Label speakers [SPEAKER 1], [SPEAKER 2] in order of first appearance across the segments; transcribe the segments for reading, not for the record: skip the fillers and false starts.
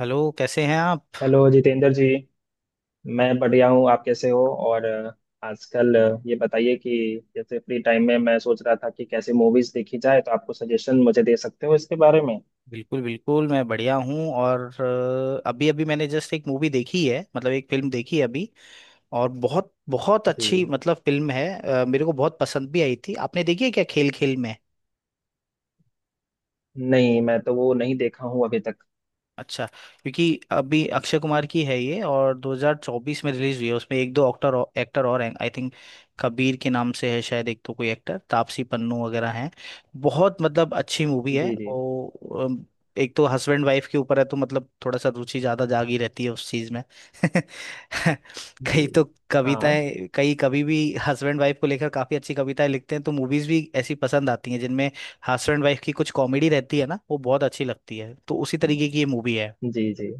[SPEAKER 1] Hello कैसे हैं आप?
[SPEAKER 2] हेलो जितेंद्र जी। मैं बढ़िया हूँ, आप कैसे हो? और आजकल ये बताइए कि जैसे फ्री टाइम में मैं सोच रहा था कि कैसे मूवीज देखी जाए, तो आपको सजेशन मुझे दे सकते हो इसके बारे में?
[SPEAKER 1] बिल्कुल बिल्कुल, मैं बढ़िया हूँ। और अभी अभी मैंने जस्ट एक मूवी देखी है, मतलब एक फिल्म देखी है अभी। और बहुत बहुत अच्छी
[SPEAKER 2] जी।
[SPEAKER 1] मतलब फिल्म है। मेरे को बहुत पसंद भी आई थी। आपने देखी है क्या, खेल खेल में?
[SPEAKER 2] नहीं, मैं तो वो नहीं देखा हूँ अभी तक।
[SPEAKER 1] अच्छा। क्योंकि अभी अक्षय कुमार की है ये, और 2024 में रिलीज हुई है। उसमें एक दो एक्टर और हैं, आई थिंक। कबीर के नाम से है शायद एक, तो कोई एक्टर तापसी पन्नू वगैरह हैं। बहुत मतलब अच्छी मूवी है
[SPEAKER 2] जी जी।
[SPEAKER 1] वो। अम, एक तो हस्बैंड वाइफ के ऊपर है, तो मतलब थोड़ा सा रुचि ज्यादा जागी रहती है उस चीज में।
[SPEAKER 2] जी
[SPEAKER 1] कई तो
[SPEAKER 2] हाँ।
[SPEAKER 1] कविताएं, कई कभी भी हस्बैंड वाइफ को लेकर काफी अच्छी कविताएं लिखते हैं, तो मूवीज भी ऐसी पसंद आती हैं जिनमें हस्बैंड वाइफ की कुछ कॉमेडी रहती है ना। वो बहुत अच्छी लगती है, तो उसी तरीके की ये मूवी है।
[SPEAKER 2] जी जी।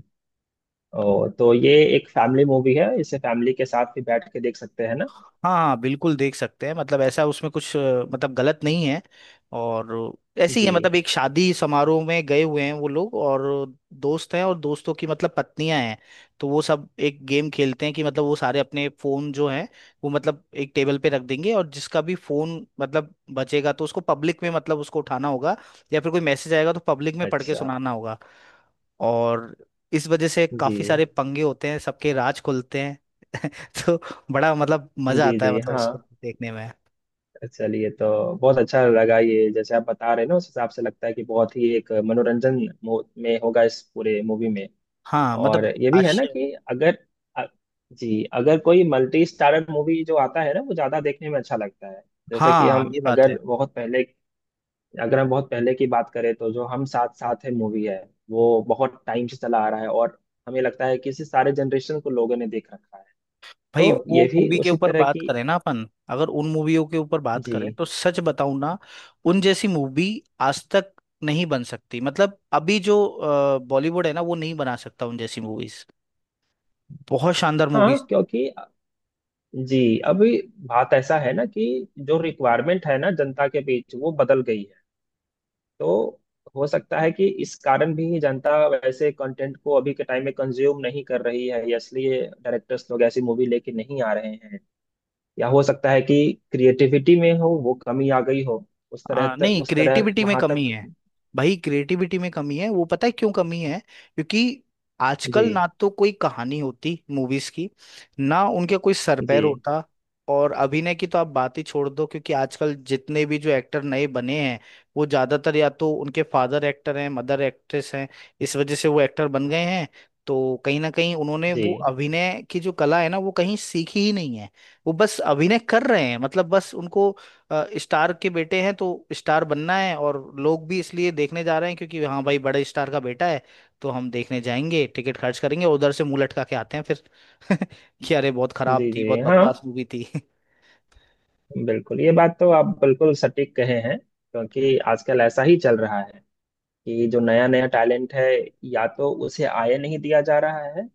[SPEAKER 2] ओ, तो ये एक फैमिली मूवी है, इसे फैमिली के साथ भी बैठ के देख सकते हैं ना?
[SPEAKER 1] हाँ हाँ, बिल्कुल देख सकते हैं, मतलब ऐसा उसमें कुछ मतलब गलत नहीं है। और ऐसे ही है,
[SPEAKER 2] जी।
[SPEAKER 1] मतलब एक शादी समारोह में गए हुए हैं वो लोग, और दोस्त हैं, और दोस्तों की मतलब पत्नियां हैं। तो वो सब एक गेम खेलते हैं कि मतलब वो सारे अपने फोन जो हैं वो मतलब एक टेबल पे रख देंगे, और जिसका भी फोन मतलब बचेगा तो उसको पब्लिक में, मतलब उसको उठाना होगा, या फिर कोई मैसेज आएगा तो पब्लिक में पढ़ के
[SPEAKER 2] अच्छा।
[SPEAKER 1] सुनाना होगा। और इस वजह से
[SPEAKER 2] जी
[SPEAKER 1] काफी सारे पंगे होते हैं, सबके राज खुलते हैं। तो बड़ा मतलब मजा
[SPEAKER 2] जी।
[SPEAKER 1] आता है,
[SPEAKER 2] जी
[SPEAKER 1] मतलब
[SPEAKER 2] हाँ।
[SPEAKER 1] उसको देखने में।
[SPEAKER 2] चलिए। तो बहुत अच्छा लगा, ये जैसे आप बता रहे हैं ना उस हिसाब से लगता है कि बहुत ही एक मनोरंजन में होगा इस पूरे मूवी में।
[SPEAKER 1] हाँ
[SPEAKER 2] और
[SPEAKER 1] मतलब
[SPEAKER 2] ये भी है ना
[SPEAKER 1] आश्चर्य।
[SPEAKER 2] कि अगर अ- जी, अगर कोई मल्टी स्टारर मूवी जो आता है ना वो ज्यादा देखने में अच्छा लगता है। जैसे कि
[SPEAKER 1] हाँ
[SPEAKER 2] हम
[SPEAKER 1] ये बात है।
[SPEAKER 2] अगर बहुत पहले अगर हम बहुत पहले की बात करें तो जो हम साथ साथ है मूवी है, वो बहुत टाइम से चला आ रहा है, और हमें लगता है कि इसे सारे जनरेशन को लोगों ने देख रखा है।
[SPEAKER 1] भाई
[SPEAKER 2] तो
[SPEAKER 1] वो
[SPEAKER 2] ये भी
[SPEAKER 1] मूवी के
[SPEAKER 2] उसी
[SPEAKER 1] ऊपर
[SPEAKER 2] तरह
[SPEAKER 1] बात
[SPEAKER 2] की।
[SPEAKER 1] करें ना, अपन अगर उन मूवियों के ऊपर बात करें,
[SPEAKER 2] जी
[SPEAKER 1] तो सच बताऊं ना, उन जैसी मूवी आज तक नहीं बन सकती। मतलब अभी जो बॉलीवुड है ना, वो नहीं बना सकता उन जैसी मूवीज। बहुत शानदार
[SPEAKER 2] हाँ
[SPEAKER 1] मूवीज।
[SPEAKER 2] क्योंकि जी अभी बात ऐसा है ना कि जो रिक्वायरमेंट है ना जनता के बीच, वो बदल गई है। तो हो सकता है कि इस कारण भी जनता वैसे कंटेंट को अभी के टाइम में कंज्यूम नहीं कर रही है, या इसलिए डायरेक्टर्स लोग ऐसी मूवी लेके नहीं आ रहे हैं, या हो सकता है कि क्रिएटिविटी में हो वो कमी आ गई हो उस तरह तक,
[SPEAKER 1] नहीं,
[SPEAKER 2] उस तरह
[SPEAKER 1] क्रिएटिविटी में
[SPEAKER 2] वहां
[SPEAKER 1] कमी है।
[SPEAKER 2] तक।
[SPEAKER 1] भाई क्रिएटिविटी में कमी है, वो पता है क्यों कमी है? क्योंकि
[SPEAKER 2] जी
[SPEAKER 1] आजकल ना तो कोई कहानी होती मूवीज की, ना उनके कोई सरपैर
[SPEAKER 2] जी।
[SPEAKER 1] होता। और अभिनय की तो आप बात ही छोड़ दो, क्योंकि आजकल जितने भी जो एक्टर नए बने हैं, वो ज्यादातर या तो उनके फादर एक्टर हैं, मदर एक्ट्रेस हैं। इस वजह से वो एक्टर बन गए हैं। तो कहीं ना कहीं उन्होंने
[SPEAKER 2] जी
[SPEAKER 1] वो अभिनय की जो कला है ना, वो कहीं सीखी ही नहीं है। वो बस अभिनय कर रहे हैं, मतलब बस उनको स्टार के बेटे हैं तो स्टार बनना है। और लोग भी इसलिए देखने जा रहे हैं क्योंकि हाँ भाई बड़े स्टार का बेटा है, तो हम देखने जाएंगे। टिकट खर्च करेंगे, उधर से मुंह लटका के आते हैं फिर कि अरे बहुत खराब
[SPEAKER 2] जी।
[SPEAKER 1] थी,
[SPEAKER 2] जी
[SPEAKER 1] बहुत
[SPEAKER 2] हाँ
[SPEAKER 1] बकवास मूवी थी।
[SPEAKER 2] बिल्कुल। ये बात तो आप बिल्कुल सटीक कहे हैं, क्योंकि आजकल ऐसा ही चल रहा है कि जो नया नया टैलेंट है या तो उसे आए नहीं दिया जा रहा है,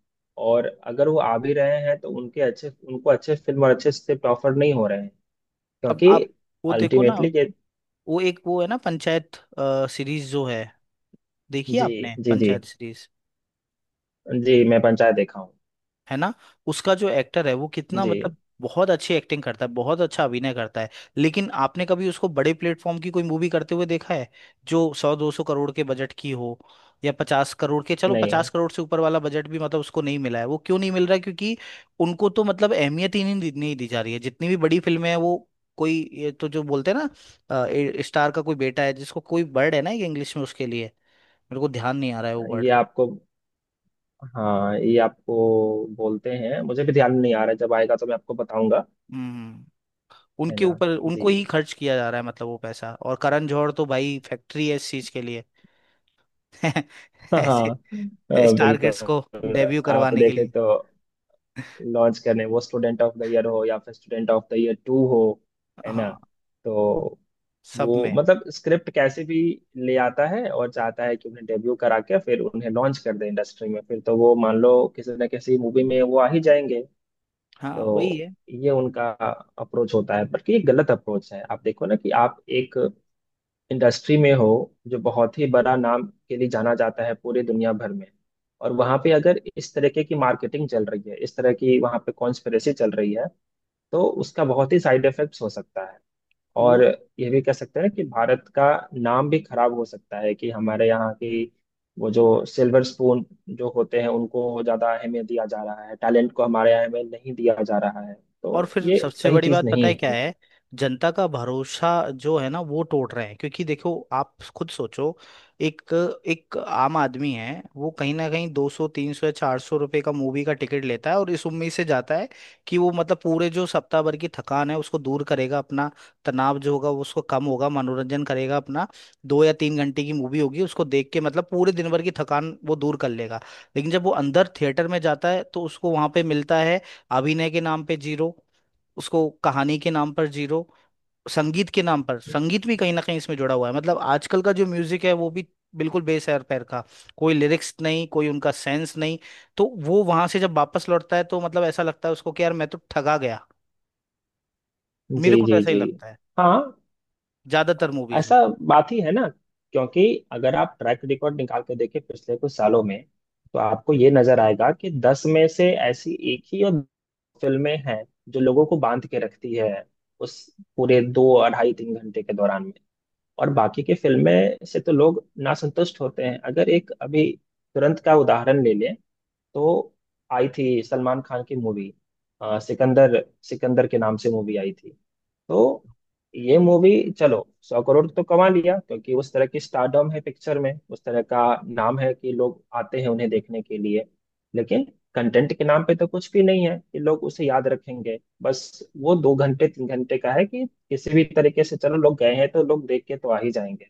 [SPEAKER 2] और अगर वो आ भी रहे हैं तो उनके अच्छे उनको अच्छे फिल्म और अच्छे स्क्रिप्ट ऑफर नहीं हो रहे हैं,
[SPEAKER 1] अब
[SPEAKER 2] क्योंकि
[SPEAKER 1] आप वो देखो ना,
[SPEAKER 2] अल्टीमेटली ये।
[SPEAKER 1] वो एक वो है ना, पंचायत सीरीज जो है। देखिए
[SPEAKER 2] जी
[SPEAKER 1] आपने
[SPEAKER 2] जी। जी
[SPEAKER 1] पंचायत सीरीज,
[SPEAKER 2] जी मैं पंचायत देखा हूँ।
[SPEAKER 1] है ना, उसका जो एक्टर है वो कितना
[SPEAKER 2] जी
[SPEAKER 1] मतलब बहुत अच्छी एक्टिंग करता है, बहुत अच्छा अभिनय करता है। लेकिन आपने कभी उसको बड़े प्लेटफॉर्म की कोई मूवी करते हुए देखा है, जो सौ दो सौ करोड़ के बजट की हो, या पचास करोड़ के, चलो
[SPEAKER 2] नहीं।
[SPEAKER 1] पचास करोड़ से ऊपर वाला बजट भी मतलब उसको नहीं मिला है। वो क्यों नहीं मिल रहा है? क्योंकि उनको तो मतलब अहमियत ही नहीं नहीं दी जा रही है। जितनी भी बड़ी फिल्में हैं वो कोई ये तो जो बोलते हैं ना, स्टार का कोई बेटा है, जिसको कोई वर्ड है ना एक इंग्लिश में उसके लिए, मेरे को ध्यान नहीं आ रहा है वो वर्ड।
[SPEAKER 2] ये आपको हाँ, ये आपको बोलते हैं, मुझे भी ध्यान नहीं आ रहा है। जब आएगा तो मैं आपको बताऊंगा।
[SPEAKER 1] हम्म।
[SPEAKER 2] है
[SPEAKER 1] उनके
[SPEAKER 2] ना?
[SPEAKER 1] ऊपर
[SPEAKER 2] जी।
[SPEAKER 1] उनको ही खर्च किया जा रहा है, मतलब वो पैसा। और करण जौहर तो भाई फैक्ट्री है इस चीज के लिए।
[SPEAKER 2] हाँ
[SPEAKER 1] ऐसे
[SPEAKER 2] हाँ
[SPEAKER 1] स्टारगेट्स को
[SPEAKER 2] बिल्कुल।
[SPEAKER 1] डेब्यू
[SPEAKER 2] आप
[SPEAKER 1] करवाने के
[SPEAKER 2] देखे
[SPEAKER 1] लिए।
[SPEAKER 2] तो लॉन्च करने वो स्टूडेंट ऑफ द ईयर हो या फिर student of the year two हो, है ना?
[SPEAKER 1] हाँ
[SPEAKER 2] तो
[SPEAKER 1] सब
[SPEAKER 2] वो
[SPEAKER 1] में।
[SPEAKER 2] मतलब स्क्रिप्ट कैसे भी ले आता है और चाहता है कि उन्हें डेब्यू करा के फिर उन्हें लॉन्च कर दे इंडस्ट्री में, फिर तो वो मान लो किसी न किसी मूवी में वो आ ही जाएंगे।
[SPEAKER 1] हाँ वही
[SPEAKER 2] तो
[SPEAKER 1] है
[SPEAKER 2] ये उनका अप्रोच होता है, बल्कि ये गलत अप्रोच है। आप देखो ना कि आप एक इंडस्ट्री में हो जो बहुत ही बड़ा नाम के लिए जाना जाता है पूरी दुनिया भर में, और वहां पे अगर इस तरीके की मार्केटिंग चल रही है, इस तरह की वहां पे कॉन्स्पिरेसी चल रही है, तो उसका बहुत ही साइड इफेक्ट्स हो सकता है।
[SPEAKER 1] वो।
[SPEAKER 2] और ये भी कह सकते हैं कि भारत का नाम भी खराब हो सकता है कि हमारे यहाँ की वो जो सिल्वर स्पून जो होते हैं उनको ज्यादा अहमियत दिया जा रहा है, टैलेंट को हमारे यहाँ में नहीं दिया जा रहा है,
[SPEAKER 1] और
[SPEAKER 2] तो
[SPEAKER 1] फिर
[SPEAKER 2] ये
[SPEAKER 1] सबसे
[SPEAKER 2] सही
[SPEAKER 1] बड़ी
[SPEAKER 2] चीज
[SPEAKER 1] बात पता
[SPEAKER 2] नहीं
[SPEAKER 1] है क्या
[SPEAKER 2] है।
[SPEAKER 1] है? जनता का भरोसा जो है ना वो टूट रहे हैं। क्योंकि देखो आप खुद सोचो, एक एक आम आदमी है, वो कहीं ना कहीं 200 300 या ₹400 का मूवी का टिकट लेता है, और इस उम्मीद से जाता है कि वो मतलब पूरे जो सप्ताह भर की थकान है उसको दूर करेगा अपना, तनाव जो होगा वो उसको कम होगा, मनोरंजन करेगा अपना, दो या तीन घंटे की मूवी होगी उसको देख के मतलब पूरे दिन भर की थकान वो दूर कर लेगा। लेकिन जब वो अंदर थिएटर में जाता है, तो उसको वहां पे मिलता है अभिनय के नाम पे जीरो, उसको कहानी के नाम पर जीरो, संगीत के नाम पर, संगीत भी कहीं ना कहीं इसमें जुड़ा हुआ है, मतलब आजकल का जो म्यूजिक है वो भी बिल्कुल बेसैर पैर का, कोई लिरिक्स नहीं, कोई उनका सेंस नहीं। तो वो वहां से जब वापस लौटता है, तो मतलब ऐसा लगता है उसको कि यार मैं तो ठगा गया।
[SPEAKER 2] जी
[SPEAKER 1] मेरे को तो
[SPEAKER 2] जी।
[SPEAKER 1] ऐसा ही
[SPEAKER 2] जी
[SPEAKER 1] लगता है
[SPEAKER 2] हाँ
[SPEAKER 1] ज्यादातर मूवीज में।
[SPEAKER 2] ऐसा बात ही है ना, क्योंकि अगर आप ट्रैक रिकॉर्ड निकाल के देखें पिछले कुछ सालों में तो आपको ये नजर आएगा कि दस में से ऐसी एक ही और दो फिल्में हैं जो लोगों को बांध के रखती है उस पूरे दो अढ़ाई तीन घंटे के दौरान में, और बाकी की फिल्में से तो लोग नासंतुष्ट होते हैं। अगर एक अभी तुरंत का उदाहरण ले लें, तो आई थी सलमान खान की मूवी सिकंदर सिकंदर के नाम से मूवी आई थी। तो ये मूवी चलो 100 करोड़ तो कमा लिया क्योंकि उस तरह की स्टारडम है पिक्चर में, उस तरह का नाम है कि लोग आते हैं उन्हें देखने के लिए, लेकिन कंटेंट के नाम पे तो कुछ भी नहीं है कि लोग उसे याद रखेंगे। बस वो दो घंटे तीन घंटे का है कि किसी भी तरीके से चलो लोग गए हैं तो लोग देख के तो आ ही जाएंगे,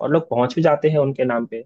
[SPEAKER 2] और लोग पहुंच भी जाते हैं उनके नाम पे।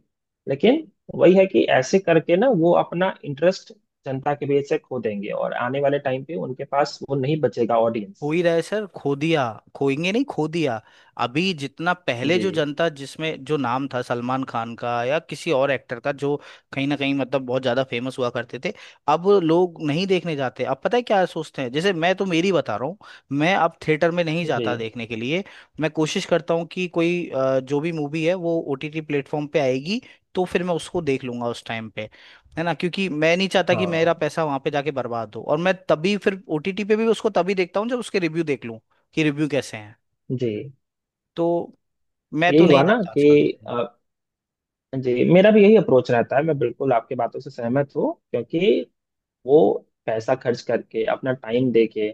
[SPEAKER 2] लेकिन वही है कि ऐसे करके ना वो अपना इंटरेस्ट जनता के बीच से खो देंगे, और आने वाले टाइम पे उनके पास वो नहीं बचेगा
[SPEAKER 1] हो
[SPEAKER 2] ऑडियंस।
[SPEAKER 1] ही रहा है सर, खो दिया, खोएंगे नहीं, खो दिया। अभी जितना पहले जो
[SPEAKER 2] जी
[SPEAKER 1] जनता जिसमें जो नाम था सलमान खान का या किसी और एक्टर का, जो कहीं ना कहीं मतलब बहुत ज्यादा फेमस हुआ करते थे, अब लोग नहीं देखने जाते। अब पता है क्या सोचते हैं? जैसे मैं तो मेरी बता रहा हूँ, मैं अब थिएटर में नहीं
[SPEAKER 2] जी
[SPEAKER 1] जाता देखने के लिए। मैं कोशिश करता हूँ कि कोई जो भी मूवी है वो ओटीटी प्लेटफॉर्म पे आएगी, तो फिर मैं उसको देख लूंगा उस टाइम पे। है ना, क्योंकि मैं नहीं चाहता कि मेरा
[SPEAKER 2] हाँ।
[SPEAKER 1] पैसा वहां पे जाके बर्बाद हो। और मैं तभी फिर ओटीटी पे भी उसको तभी देखता हूँ जब उसके रिव्यू देख लूँ कि रिव्यू कैसे हैं।
[SPEAKER 2] जी
[SPEAKER 1] तो मैं तो
[SPEAKER 2] यही हुआ
[SPEAKER 1] नहीं
[SPEAKER 2] ना
[SPEAKER 1] जाता
[SPEAKER 2] कि
[SPEAKER 1] आजकल देखने।
[SPEAKER 2] अ, जी, मेरा भी यही अप्रोच रहता है। मैं बिल्कुल आपकी बातों से सहमत हूँ, क्योंकि वो पैसा खर्च करके अपना टाइम देके,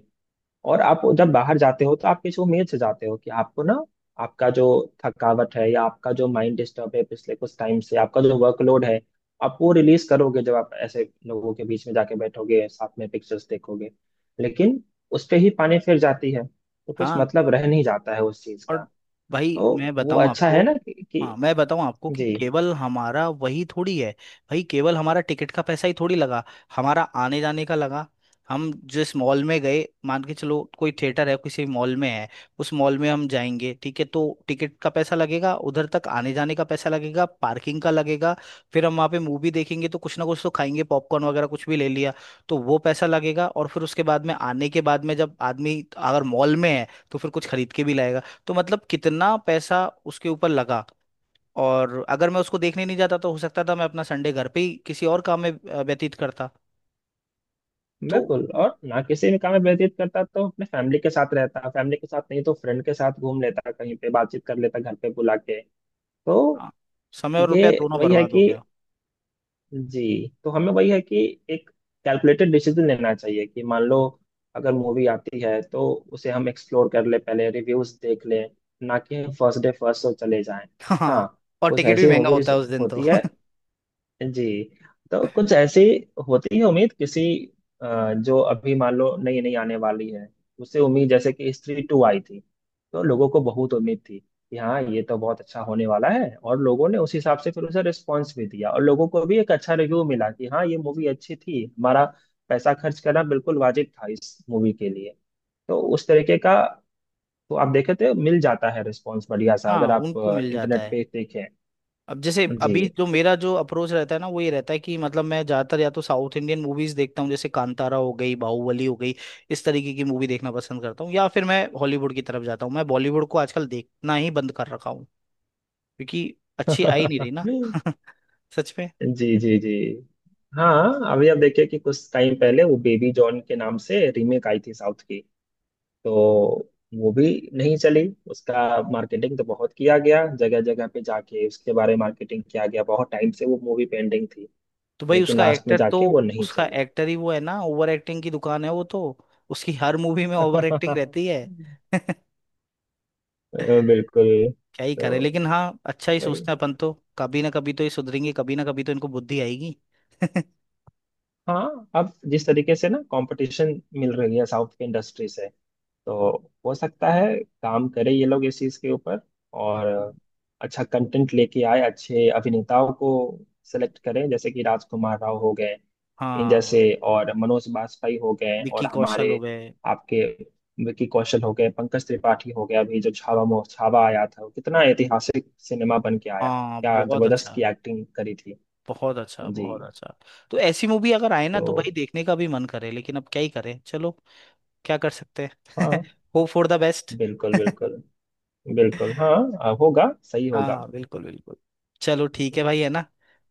[SPEAKER 2] और आप जब बाहर जाते हो तो आप किसी उम्मीद से जाते हो कि आपको ना आपका जो थकावट है या आपका जो माइंड डिस्टर्ब है पिछले कुछ टाइम से, आपका जो वर्कलोड है, आप वो रिलीज करोगे जब आप ऐसे लोगों के बीच में जाके बैठोगे साथ में पिक्चर्स देखोगे। लेकिन उस पे ही पानी फिर जाती है, तो कुछ
[SPEAKER 1] हाँ
[SPEAKER 2] मतलब रह नहीं जाता है उस चीज का।
[SPEAKER 1] और भाई
[SPEAKER 2] तो
[SPEAKER 1] मैं
[SPEAKER 2] वो
[SPEAKER 1] बताऊं
[SPEAKER 2] अच्छा
[SPEAKER 1] आपको।
[SPEAKER 2] है ना कि।
[SPEAKER 1] हाँ मैं बताऊं आपको, कि
[SPEAKER 2] जी
[SPEAKER 1] केवल हमारा वही थोड़ी है। भाई केवल हमारा टिकट का पैसा ही थोड़ी लगा, हमारा आने जाने का लगा। हम जिस मॉल में गए, मान के चलो कोई थिएटर है किसी मॉल में है, उस मॉल में हम जाएंगे, ठीक है, तो टिकट का पैसा लगेगा, उधर तक आने जाने का पैसा लगेगा, पार्किंग का लगेगा। फिर हम वहाँ पे मूवी देखेंगे तो कुछ ना कुछ तो खाएंगे, पॉपकॉर्न वगैरह कुछ भी ले लिया, तो वो पैसा लगेगा। और फिर उसके बाद में आने के बाद में जब आदमी अगर मॉल में है तो फिर कुछ खरीद के भी लाएगा। तो मतलब कितना पैसा उसके ऊपर लगा। और अगर मैं उसको देखने नहीं जाता तो हो सकता था मैं अपना संडे घर पे ही किसी और काम में व्यतीत करता। तो
[SPEAKER 2] बिल्कुल। और ना किसी भी काम में व्यतीत करता तो अपने फैमिली के साथ रहता, फैमिली के साथ नहीं तो फ्रेंड के साथ घूम लेता, कहीं पे बातचीत कर लेता, घर पे बुला के। तो
[SPEAKER 1] हाँ, समय और
[SPEAKER 2] ये
[SPEAKER 1] रुपया दोनों
[SPEAKER 2] वही है
[SPEAKER 1] बर्बाद हो
[SPEAKER 2] कि
[SPEAKER 1] गया।
[SPEAKER 2] जी, तो हमें वही है कि एक कैलकुलेटेड डिसीजन लेना चाहिए कि मान लो अगर मूवी आती है तो उसे हम एक्सप्लोर कर ले, पहले रिव्यूज देख लें, ना कि फर्स्ट डे फर्स्ट शो चले जाएं। हाँ।
[SPEAKER 1] हाँ और
[SPEAKER 2] कुछ
[SPEAKER 1] टिकट भी
[SPEAKER 2] ऐसी
[SPEAKER 1] महंगा होता
[SPEAKER 2] मूवीज
[SPEAKER 1] है उस दिन तो।
[SPEAKER 2] होती है। जी। तो कुछ ऐसी होती है उम्मीद किसी, जो अभी मान लो नई नई आने वाली है, उससे उम्मीद, जैसे कि स्त्री टू आई थी, तो लोगों को बहुत उम्मीद थी कि हाँ ये तो बहुत अच्छा होने वाला है, और लोगों ने उस हिसाब से फिर उसे रिस्पॉन्स भी दिया, और लोगों को भी एक अच्छा रिव्यू मिला कि हाँ ये मूवी अच्छी थी, हमारा पैसा खर्च करना बिल्कुल वाजिब था इस मूवी के लिए। तो उस तरीके का। तो आप देखे तो मिल जाता है रिस्पॉन्स बढ़िया सा
[SPEAKER 1] हाँ
[SPEAKER 2] अगर आप
[SPEAKER 1] उनको मिल जाता
[SPEAKER 2] इंटरनेट
[SPEAKER 1] है।
[SPEAKER 2] पे देखें।
[SPEAKER 1] अब जैसे
[SPEAKER 2] जी।
[SPEAKER 1] अभी जो मेरा जो अप्रोच रहता है ना वो ये रहता है, कि मतलब मैं ज्यादातर या तो साउथ इंडियन मूवीज देखता हूँ, जैसे कांतारा हो गई, बाहुबली हो गई, इस तरीके की मूवी देखना पसंद करता हूँ, या फिर मैं हॉलीवुड की तरफ जाता हूँ। मैं बॉलीवुड को आजकल देखना ही बंद कर रखा हूँ क्योंकि अच्छी आ ही नहीं रही ना। सच में।
[SPEAKER 2] जी जी। जी हाँ। अभी आप देखिए कि कुछ टाइम पहले वो बेबी जॉन के नाम से रीमेक आई थी साउथ की, तो वो भी नहीं चली। उसका मार्केटिंग तो बहुत किया गया, जगह जगह पे जाके उसके बारे में मार्केटिंग किया गया, बहुत टाइम से वो मूवी पेंडिंग थी,
[SPEAKER 1] तो भाई
[SPEAKER 2] लेकिन
[SPEAKER 1] उसका
[SPEAKER 2] लास्ट में
[SPEAKER 1] एक्टर तो,
[SPEAKER 2] जाके वो नहीं
[SPEAKER 1] उसका
[SPEAKER 2] चले।
[SPEAKER 1] एक्टर ही वो है ना, ओवर एक्टिंग की दुकान है वो तो, उसकी हर मूवी में ओवर एक्टिंग रहती है।
[SPEAKER 2] बिल्कुल।
[SPEAKER 1] क्या ही
[SPEAKER 2] तो
[SPEAKER 1] करे, लेकिन हाँ अच्छा ही
[SPEAKER 2] वही।
[SPEAKER 1] सोचते हैं अपन तो। कभी ना कभी तो ये सुधरेंगे, कभी ना कभी तो इनको बुद्धि आएगी।
[SPEAKER 2] हाँ, अब जिस तरीके से ना कंपटीशन मिल रही है साउथ की इंडस्ट्री से, तो हो सकता है काम करे ये लोग इस चीज के ऊपर, और अच्छा कंटेंट लेके आए, अच्छे अभिनेताओं को सेलेक्ट करें, जैसे कि राजकुमार राव हो गए, इन
[SPEAKER 1] हाँ
[SPEAKER 2] जैसे और मनोज बाजपेयी हो गए, और
[SPEAKER 1] विक्की कौशल
[SPEAKER 2] हमारे
[SPEAKER 1] हो गए।
[SPEAKER 2] आपके विकी कौशल हो गए, पंकज त्रिपाठी हो गए। अभी जो छावा मो छावा आया था, वो कितना ऐतिहासिक सिनेमा बन के आया,
[SPEAKER 1] हाँ
[SPEAKER 2] क्या
[SPEAKER 1] बहुत
[SPEAKER 2] जबरदस्त की
[SPEAKER 1] अच्छा,
[SPEAKER 2] एक्टिंग करी थी।
[SPEAKER 1] बहुत अच्छा,
[SPEAKER 2] जी।
[SPEAKER 1] बहुत अच्छा। तो ऐसी मूवी अगर आए ना तो भाई
[SPEAKER 2] तो
[SPEAKER 1] देखने का भी मन करे, लेकिन अब क्या ही करें, चलो क्या कर सकते हैं।
[SPEAKER 2] हाँ
[SPEAKER 1] होप फॉर द बेस्ट।
[SPEAKER 2] बिल्कुल। बिल्कुल बिल्कुल हाँ, होगा, सही होगा।
[SPEAKER 1] हाँ बिल्कुल बिल्कुल। चलो ठीक है भाई, है ना,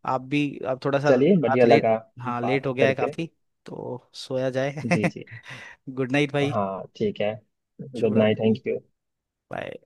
[SPEAKER 1] आप भी अब थोड़ा सा
[SPEAKER 2] चलिए,
[SPEAKER 1] रात
[SPEAKER 2] बढ़िया
[SPEAKER 1] लेट,
[SPEAKER 2] लगा
[SPEAKER 1] हाँ
[SPEAKER 2] बात
[SPEAKER 1] लेट हो गया है
[SPEAKER 2] करके।
[SPEAKER 1] काफी, तो सोया जाए।
[SPEAKER 2] जी जी
[SPEAKER 1] गुड नाइट भाई।
[SPEAKER 2] हाँ ठीक है।
[SPEAKER 1] शुभ
[SPEAKER 2] गुड नाइट।
[SPEAKER 1] रात्रि।
[SPEAKER 2] Thank you.
[SPEAKER 1] बाय।